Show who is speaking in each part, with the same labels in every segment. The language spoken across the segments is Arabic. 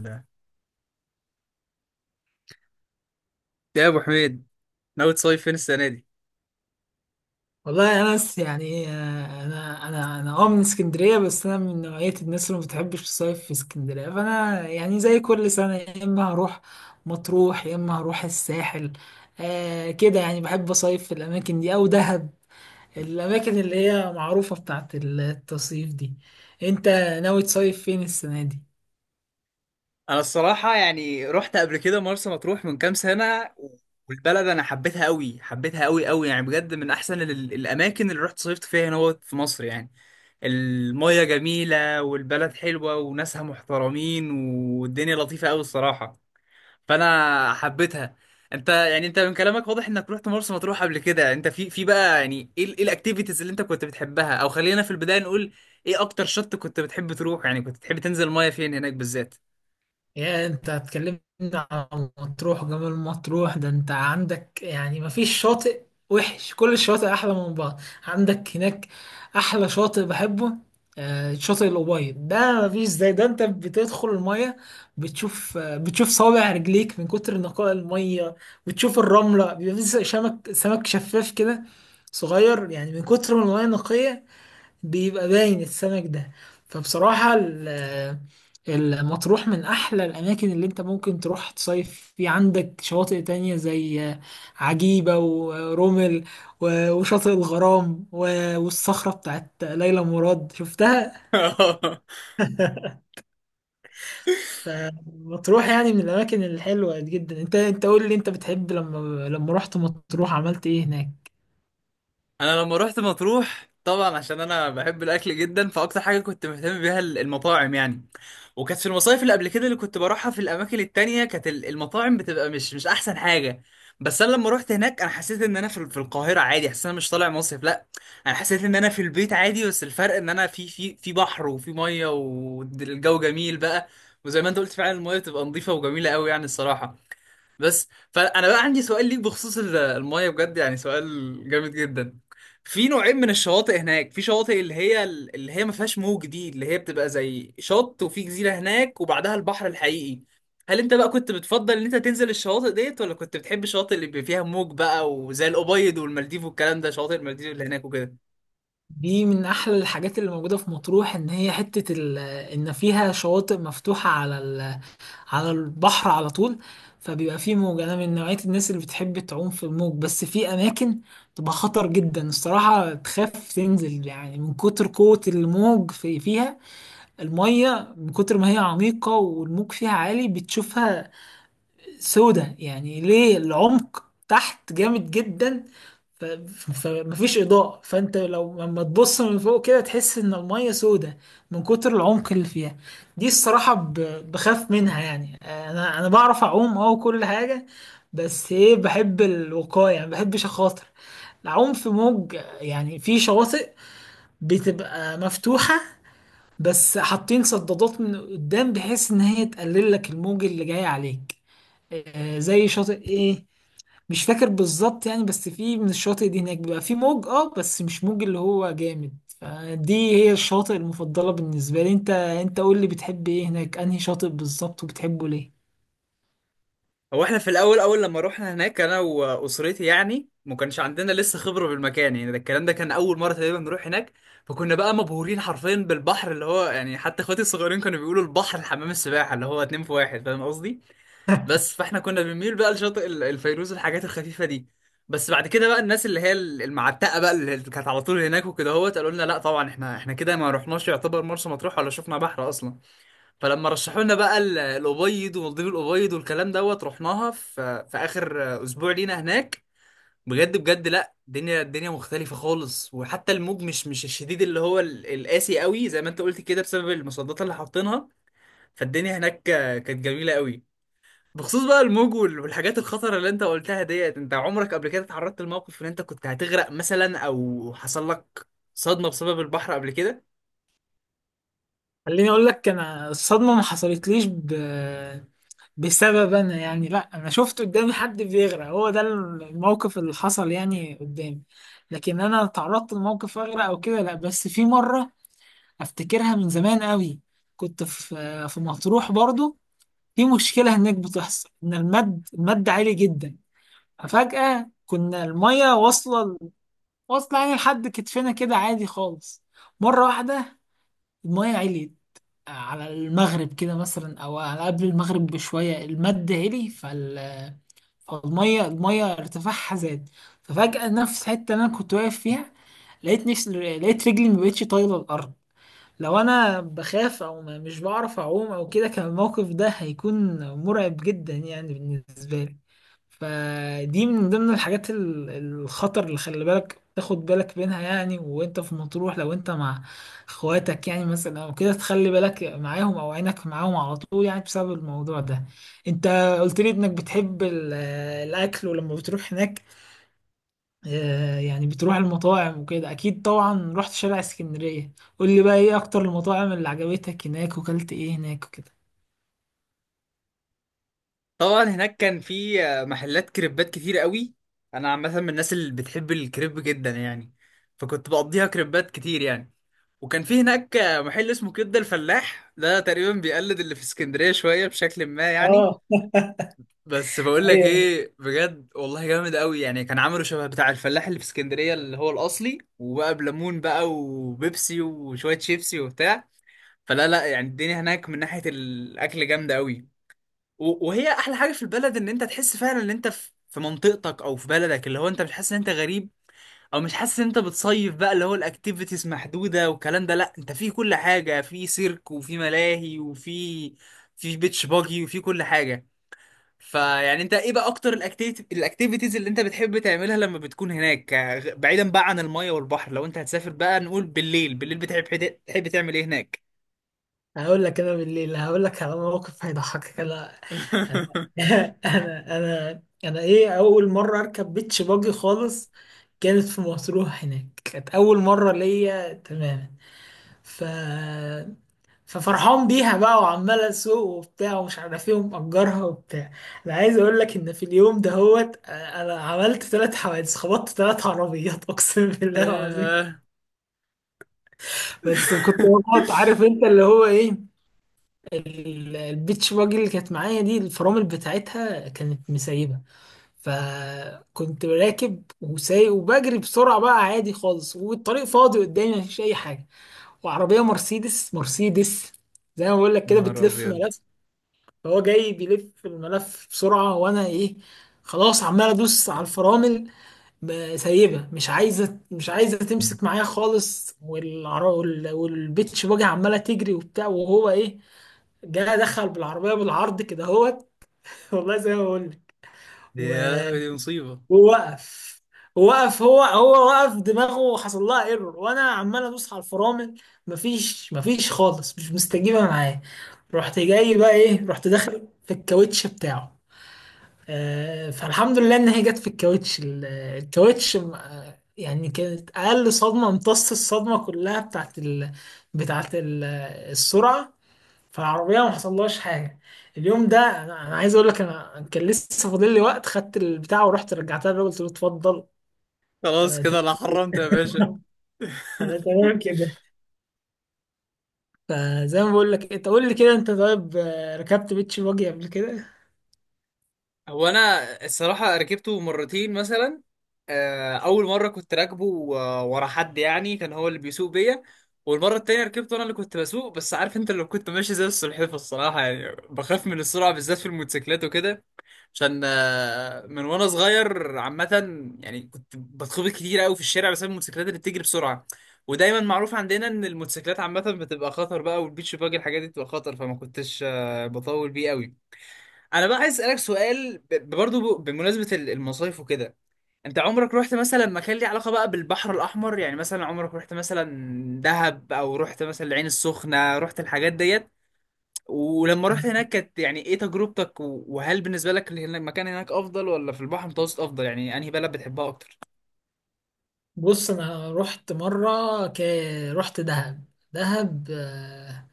Speaker 1: ده، يا ابو حميد، ناوي تصيف فين السنه دي؟
Speaker 2: والله يا انس انا من اسكندريه، بس انا من نوعيه الناس اللي ما بتحبش الصيف في اسكندريه، فانا يعني زي كل سنه يا اما هروح مطروح يا اما هروح الساحل. آه كده، يعني بحب اصيف في الاماكن دي او دهب، الاماكن اللي هي معروفه بتاعت التصيف دي. انت ناوي تصيف فين السنه دي؟
Speaker 1: انا الصراحه يعني رحت قبل كده مرسى مطروح من كام سنه، والبلد انا حبيتها قوي، حبيتها قوي قوي، يعني بجد من احسن الاماكن اللي رحت صيفت فيها هنا وقت في مصر يعني. الميه جميله، والبلد حلوه وناسها محترمين، والدنيا لطيفه قوي الصراحه. فانا حبيتها. انت يعني من كلامك واضح انك رحت مرسى مطروح قبل كده. انت في بقى، يعني ايه الاكتيفيتيز اللي انت كنت بتحبها، او خلينا في البدايه نقول ايه اكتر شط كنت بتحب تروح، يعني كنت بتحب تنزل المايه فين هناك بالذات؟
Speaker 2: يا انت هتكلمني عن مطروح وجمال مطروح؟ ده انت عندك يعني مفيش شاطئ وحش، كل الشواطئ احلى من بعض عندك هناك. احلى شاطئ بحبه شاطئ الأبيض، ده مفيش زي ده. انت بتدخل المية بتشوف، بتشوف صابع رجليك من كتر نقاء المية، بتشوف الرملة، بيبقى في سمك شفاف كده صغير يعني، من كتر ما المية نقية بيبقى باين السمك ده. فبصراحة المطروح من أحلى الأماكن اللي أنت ممكن تروح تصيف في. عندك شواطئ تانية زي عجيبة ورمل وشاطئ الغرام والصخرة بتاعت ليلى مراد، شفتها؟ فمطروح يعني من الأماكن الحلوة جدا. أنت قول لي، أنت بتحب لما رحت مطروح عملت إيه هناك؟
Speaker 1: انا لما رحت مطروح، طبعا عشان انا بحب الاكل جدا، فاكتر حاجه كنت مهتم بيها المطاعم يعني. وكانت في المصايف اللي قبل كده اللي كنت بروحها في الاماكن التانية كانت المطاعم بتبقى مش احسن حاجه. بس انا لما رحت هناك، انا حسيت ان انا في في القاهره عادي، حسيت ان انا مش طالع مصيف. لا، انا حسيت ان انا في البيت عادي، بس الفرق ان انا في في في بحر وفي ميه والجو جميل بقى. وزي ما انت قلت فعلا، الميه بتبقى نظيفه وجميله قوي يعني الصراحه. بس فانا بقى عندي سؤال ليك بخصوص المايه، بجد يعني سؤال جامد جدا. في نوعين من الشواطئ هناك، في شواطئ اللي هي ما فيهاش موج، دي اللي هي بتبقى زي شط وفي جزيره هناك وبعدها البحر الحقيقي. هل انت بقى كنت بتفضل ان انت تنزل الشواطئ ديت، ولا كنت بتحب الشواطئ اللي بيبقى فيها موج بقى، وزي الابيض والمالديف والكلام ده، شواطئ المالديف اللي هناك وكده؟
Speaker 2: دي من احلى الحاجات اللي موجوده في مطروح، ان هي حته ان فيها شواطئ مفتوحه على على البحر على طول، فبيبقى فيه موج. انا من نوعية الناس اللي بتحب تعوم في الموج، بس في اماكن تبقى خطر جدا الصراحة، تخاف تنزل يعني من كتر قوة الموج في فيها. المية من كتر ما هي عميقة والموج فيها عالي، بتشوفها سودة يعني ليه العمق تحت جامد جدا. ف- ف- فمفيش إضاءة، فأنت لو لما تبص من فوق كده تحس إن المية سودة من كتر العمق اللي فيها. دي الصراحة بخاف منها يعني. أنا بعرف أعوم وكل حاجة، بس إيه، بحب الوقاية يعني، مبحبش أخاطر العوم في موج. يعني في شواطئ بتبقى مفتوحة بس حاطين صدادات من قدام بحيث إن هي تقلل لك الموج اللي جاي عليك. زي شاطئ إيه، مش فاكر بالظبط يعني، بس في من الشواطئ دي هناك بيبقى في موج، بس مش موج اللي هو جامد. فدي هي الشواطئ المفضلة بالنسبة لي. انت قول لي، بتحب ايه هناك؟ انهي شاطئ بالظبط وبتحبه ليه؟
Speaker 1: هو احنا في الاول اول لما روحنا هناك انا واسرتي، يعني ما كانش عندنا لسه خبره بالمكان، يعني ده الكلام ده كان اول مره تقريبا نروح هناك. فكنا بقى مبهورين حرفيا بالبحر، اللي هو يعني حتى اخواتي الصغيرين كانوا بيقولوا البحر حمام السباحه اللي هو اتنين في واحد، فاهم قصدي؟ بس فاحنا كنا بنميل بقى لشاطئ الفيروز والحاجات الخفيفه دي. بس بعد كده بقى، الناس اللي هي المعتقه بقى اللي كانت على طول هناك وكده، هوت قالوا لنا لا طبعا، احنا كده ما رحناش، يعتبر مرسى مطروح ولا شفنا بحر اصلا. فلما رشحوا لنا بقى الابيض ومالديف الابيض والكلام دوت، رحناها في في اخر اسبوع لينا هناك. بجد بجد لا، الدنيا، الدنيا مختلفه خالص، وحتى الموج مش الشديد اللي هو القاسي قوي، زي ما انت قلت كده بسبب المصدات اللي حاطينها. فالدنيا هناك كانت جميله قوي. بخصوص بقى الموج والحاجات الخطره اللي انت قلتها ديت، انت عمرك قبل كده اتعرضت لموقف ان انت كنت هتغرق مثلا، او حصل لك صدمه بسبب البحر قبل كده؟
Speaker 2: خليني اقول لك، انا الصدمة ما حصلتليش بسبب انا يعني، لا، انا شفت قدامي حد بيغرق، هو ده الموقف اللي حصل يعني قدامي. لكن انا تعرضت لموقف اغرق او كده، لا، بس في مرة افتكرها من زمان قوي، كنت في في مطروح برضو. في مشكلة هناك بتحصل، إن المد عالي جدا. ففجأة كنا المية واصلة واصلة يعني لحد كتفنا كده عادي خالص. مرة واحدة المية عليت على المغرب كده مثلا أو على قبل المغرب بشوية، المد علي، فالمية المية ارتفاعها زاد. ففجأة نفس الحتة اللي أنا كنت واقف فيها لقيت نفس، لقيت رجلي مبقتش طايلة الأرض. لو انا بخاف او مش بعرف اعوم او كده كان الموقف ده هيكون مرعب جدا يعني بالنسبه لي. فدي من ضمن الحاجات الخطر اللي خلي بالك تاخد بالك منها يعني، وانت في مطروح لو انت مع اخواتك يعني مثلا او كده تخلي بالك معاهم او عينك معاهم على طول يعني بسبب الموضوع ده. انت قلت لي انك بتحب الاكل، ولما بتروح هناك يعني بتروح المطاعم وكده اكيد، طبعا رحت شارع اسكندرية. قول لي بقى، ايه اكتر المطاعم اللي عجبتك هناك، وكلت ايه هناك وكده؟
Speaker 1: طبعا هناك كان في محلات كريبات كتير قوي. انا عامه من الناس اللي بتحب الكريب جدا يعني، فكنت بقضيها كريبات كتير يعني. وكان في هناك محل اسمه كبده الفلاح، ده تقريبا بيقلد اللي في اسكندريه شويه بشكل ما يعني.
Speaker 2: اه
Speaker 1: بس بقول لك
Speaker 2: ايوه
Speaker 1: ايه، بجد والله جامد قوي يعني، كان عامله شبه بتاع الفلاح اللي في اسكندريه اللي هو الاصلي، وبقى بليمون بقى وبيبسي وشويه شيبسي وبتاع. فلا لا، يعني الدنيا هناك من ناحيه الاكل جامده قوي. وهي احلى حاجه في البلد، ان انت تحس فعلا ان انت في منطقتك او في بلدك، اللي هو انت مش حاسس ان انت غريب او مش حاسس ان انت بتصيف بقى، اللي هو الاكتيفيتيز محدوده والكلام ده. لا، انت في كل حاجه، في سيرك وفي ملاهي وفي بيتش باجي وفي كل حاجه. فيعني انت ايه بقى اكتر الاكتيفيتيز اللي انت بتحب تعملها لما بتكون هناك، بعيدا بقى عن الميه والبحر، لو انت هتسافر بقى، نقول بالليل، بالليل بتحب تعمل ايه هناك؟
Speaker 2: هقول لك. انا بالليل هقول لك على موقف هيضحكك. انا انا انا انا انا ايه، اول مره اركب بيتش باجي خالص كانت في مطروح هناك، كانت اول مره ليا تماما. ف ففرحان بيها بقى، وعمال اسوق وبتاع ومش عارف ايه ومأجرها وبتاع. انا عايز اقول لك ان في اليوم ده هوت انا عملت ثلاث حوادث، خبطت ثلاث عربيات، اقسم بالله العظيم.
Speaker 1: ياه.
Speaker 2: بس كنت بخبط، عارف انت اللي هو ايه، البيتش باجي اللي كانت معايا دي الفرامل بتاعتها كانت مسيبه. فكنت راكب وسايق وبجري بسرعه بقى عادي خالص، والطريق فاضي قدامي مفيش اي حاجه، وعربيه مرسيدس زي ما بقول لك
Speaker 1: يا
Speaker 2: كده
Speaker 1: نهار
Speaker 2: بتلف،
Speaker 1: ابيض!
Speaker 2: فهو جاي بيلف الملف بسرعة. وانا ايه، خلاص عمال ادوس على الفرامل، سايبها، مش عايزة
Speaker 1: دي
Speaker 2: تمسك معايا خالص، والعر- وال- والبيتش باجي عمالة تجري وبتاع. وهو ايه، جاي دخل بالعربية بالعرض كده اهوت، والله زي ما بقول لك. و-
Speaker 1: يا لهوي دي مصيبة!
Speaker 2: ووقف، وقف، هو وقف دماغه، حصل لها ايرور، وانا عمال ادوس على الفرامل، مفيش خالص، مش مستجيبه معاه. رحت جاي بقى ايه، رحت داخل في الكاوتش بتاعه. فالحمد لله ان هي جت في الكاوتش الكاوتش. يعني كانت اقل صدمه، امتص الصدمه كلها بتاعت بتاعت ال... السرعه، فالعربيه ما حصلهاش حاجه. اليوم ده انا، أنا عايز اقول لك، انا كان لسه فاضل لي وقت، خدت البتاع ورحت رجعتها للراجل، قلت له اتفضل
Speaker 1: خلاص
Speaker 2: انا
Speaker 1: كده انا حرمت يا باشا.
Speaker 2: تمام. انا تمام كده. فزي ما بقول لك، انت قول لي كده، انت طيب ركبت بيتش باجي قبل كده؟
Speaker 1: هو انا الصراحه ركبته مرتين مثلا. آه، اول مره كنت راكبه ورا حد، يعني كان هو اللي بيسوق بيا. والمره التانية ركبته انا اللي كنت بسوق، بس عارف انت، لو كنت ماشي زي السلحفاه الصراحه، يعني بخاف من السرعه بالذات في الموتوسيكلات وكده، عشان من وانا صغير عامة يعني كنت بتخبط كتير قوي في الشارع بسبب الموتوسيكلات اللي بتجري بسرعة. ودايما معروف عندنا ان الموتوسيكلات عامة بتبقى خطر بقى، والبيتش باجي الحاجات دي بتبقى خطر، فما كنتش بطول بيه قوي. انا بقى عايز اسألك سؤال برضه بمناسبة المصايف وكده. انت عمرك رحت مثلا مكان ليه علاقة بقى بالبحر الاحمر؟ يعني مثلا عمرك رحت مثلا دهب، او رحت مثلا العين السخنة، رحت الحاجات ديت؟ ولما رحت
Speaker 2: أنا-
Speaker 1: هناك كانت يعني ايه تجربتك، وهل بالنسبة لك المكان هناك افضل، ولا في البحر المتوسط افضل، يعني انهي بلد بتحبها اكتر؟
Speaker 2: بص، انا رحت مره ك... رحت دهب. دهب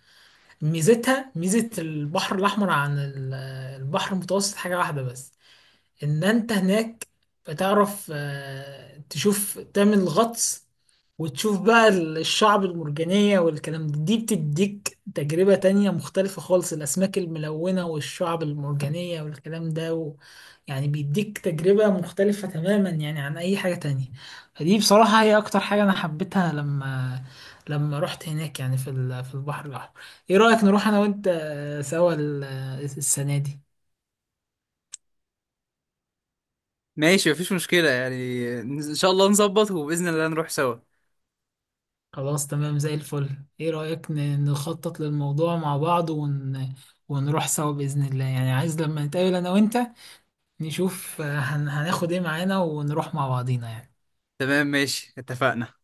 Speaker 2: ميزتها، ميزة البحر الأحمر عن البحر المتوسط حاجة واحدة بس، ان انت هناك بتعرف تشوف، تعمل غطس وتشوف بقى الشعب المرجانية والكلام ده. دي بتديك تجربة تانية مختلفة خالص، الأسماك الملونة والشعب المرجانية والكلام ده يعني بيديك تجربة مختلفة تماما يعني عن أي حاجة تانية. فدي بصراحة هي أكتر حاجة أنا حبيتها لما رحت هناك يعني في في البحر الأحمر. إيه رأيك نروح أنا وأنت سوا السنة دي؟
Speaker 1: ماشي، مفيش مشكلة يعني، إن شاء الله نظبط وبإذن الله نروح سوا.
Speaker 2: خلاص تمام زي الفل. ايه رأيك نخطط للموضوع مع بعض ون... ونروح سوا بإذن الله؟ يعني عايز لما نتقابل انا وانت نشوف هناخد ايه معانا ونروح مع بعضينا يعني.
Speaker 1: تمام، ماشي، اتفقنا.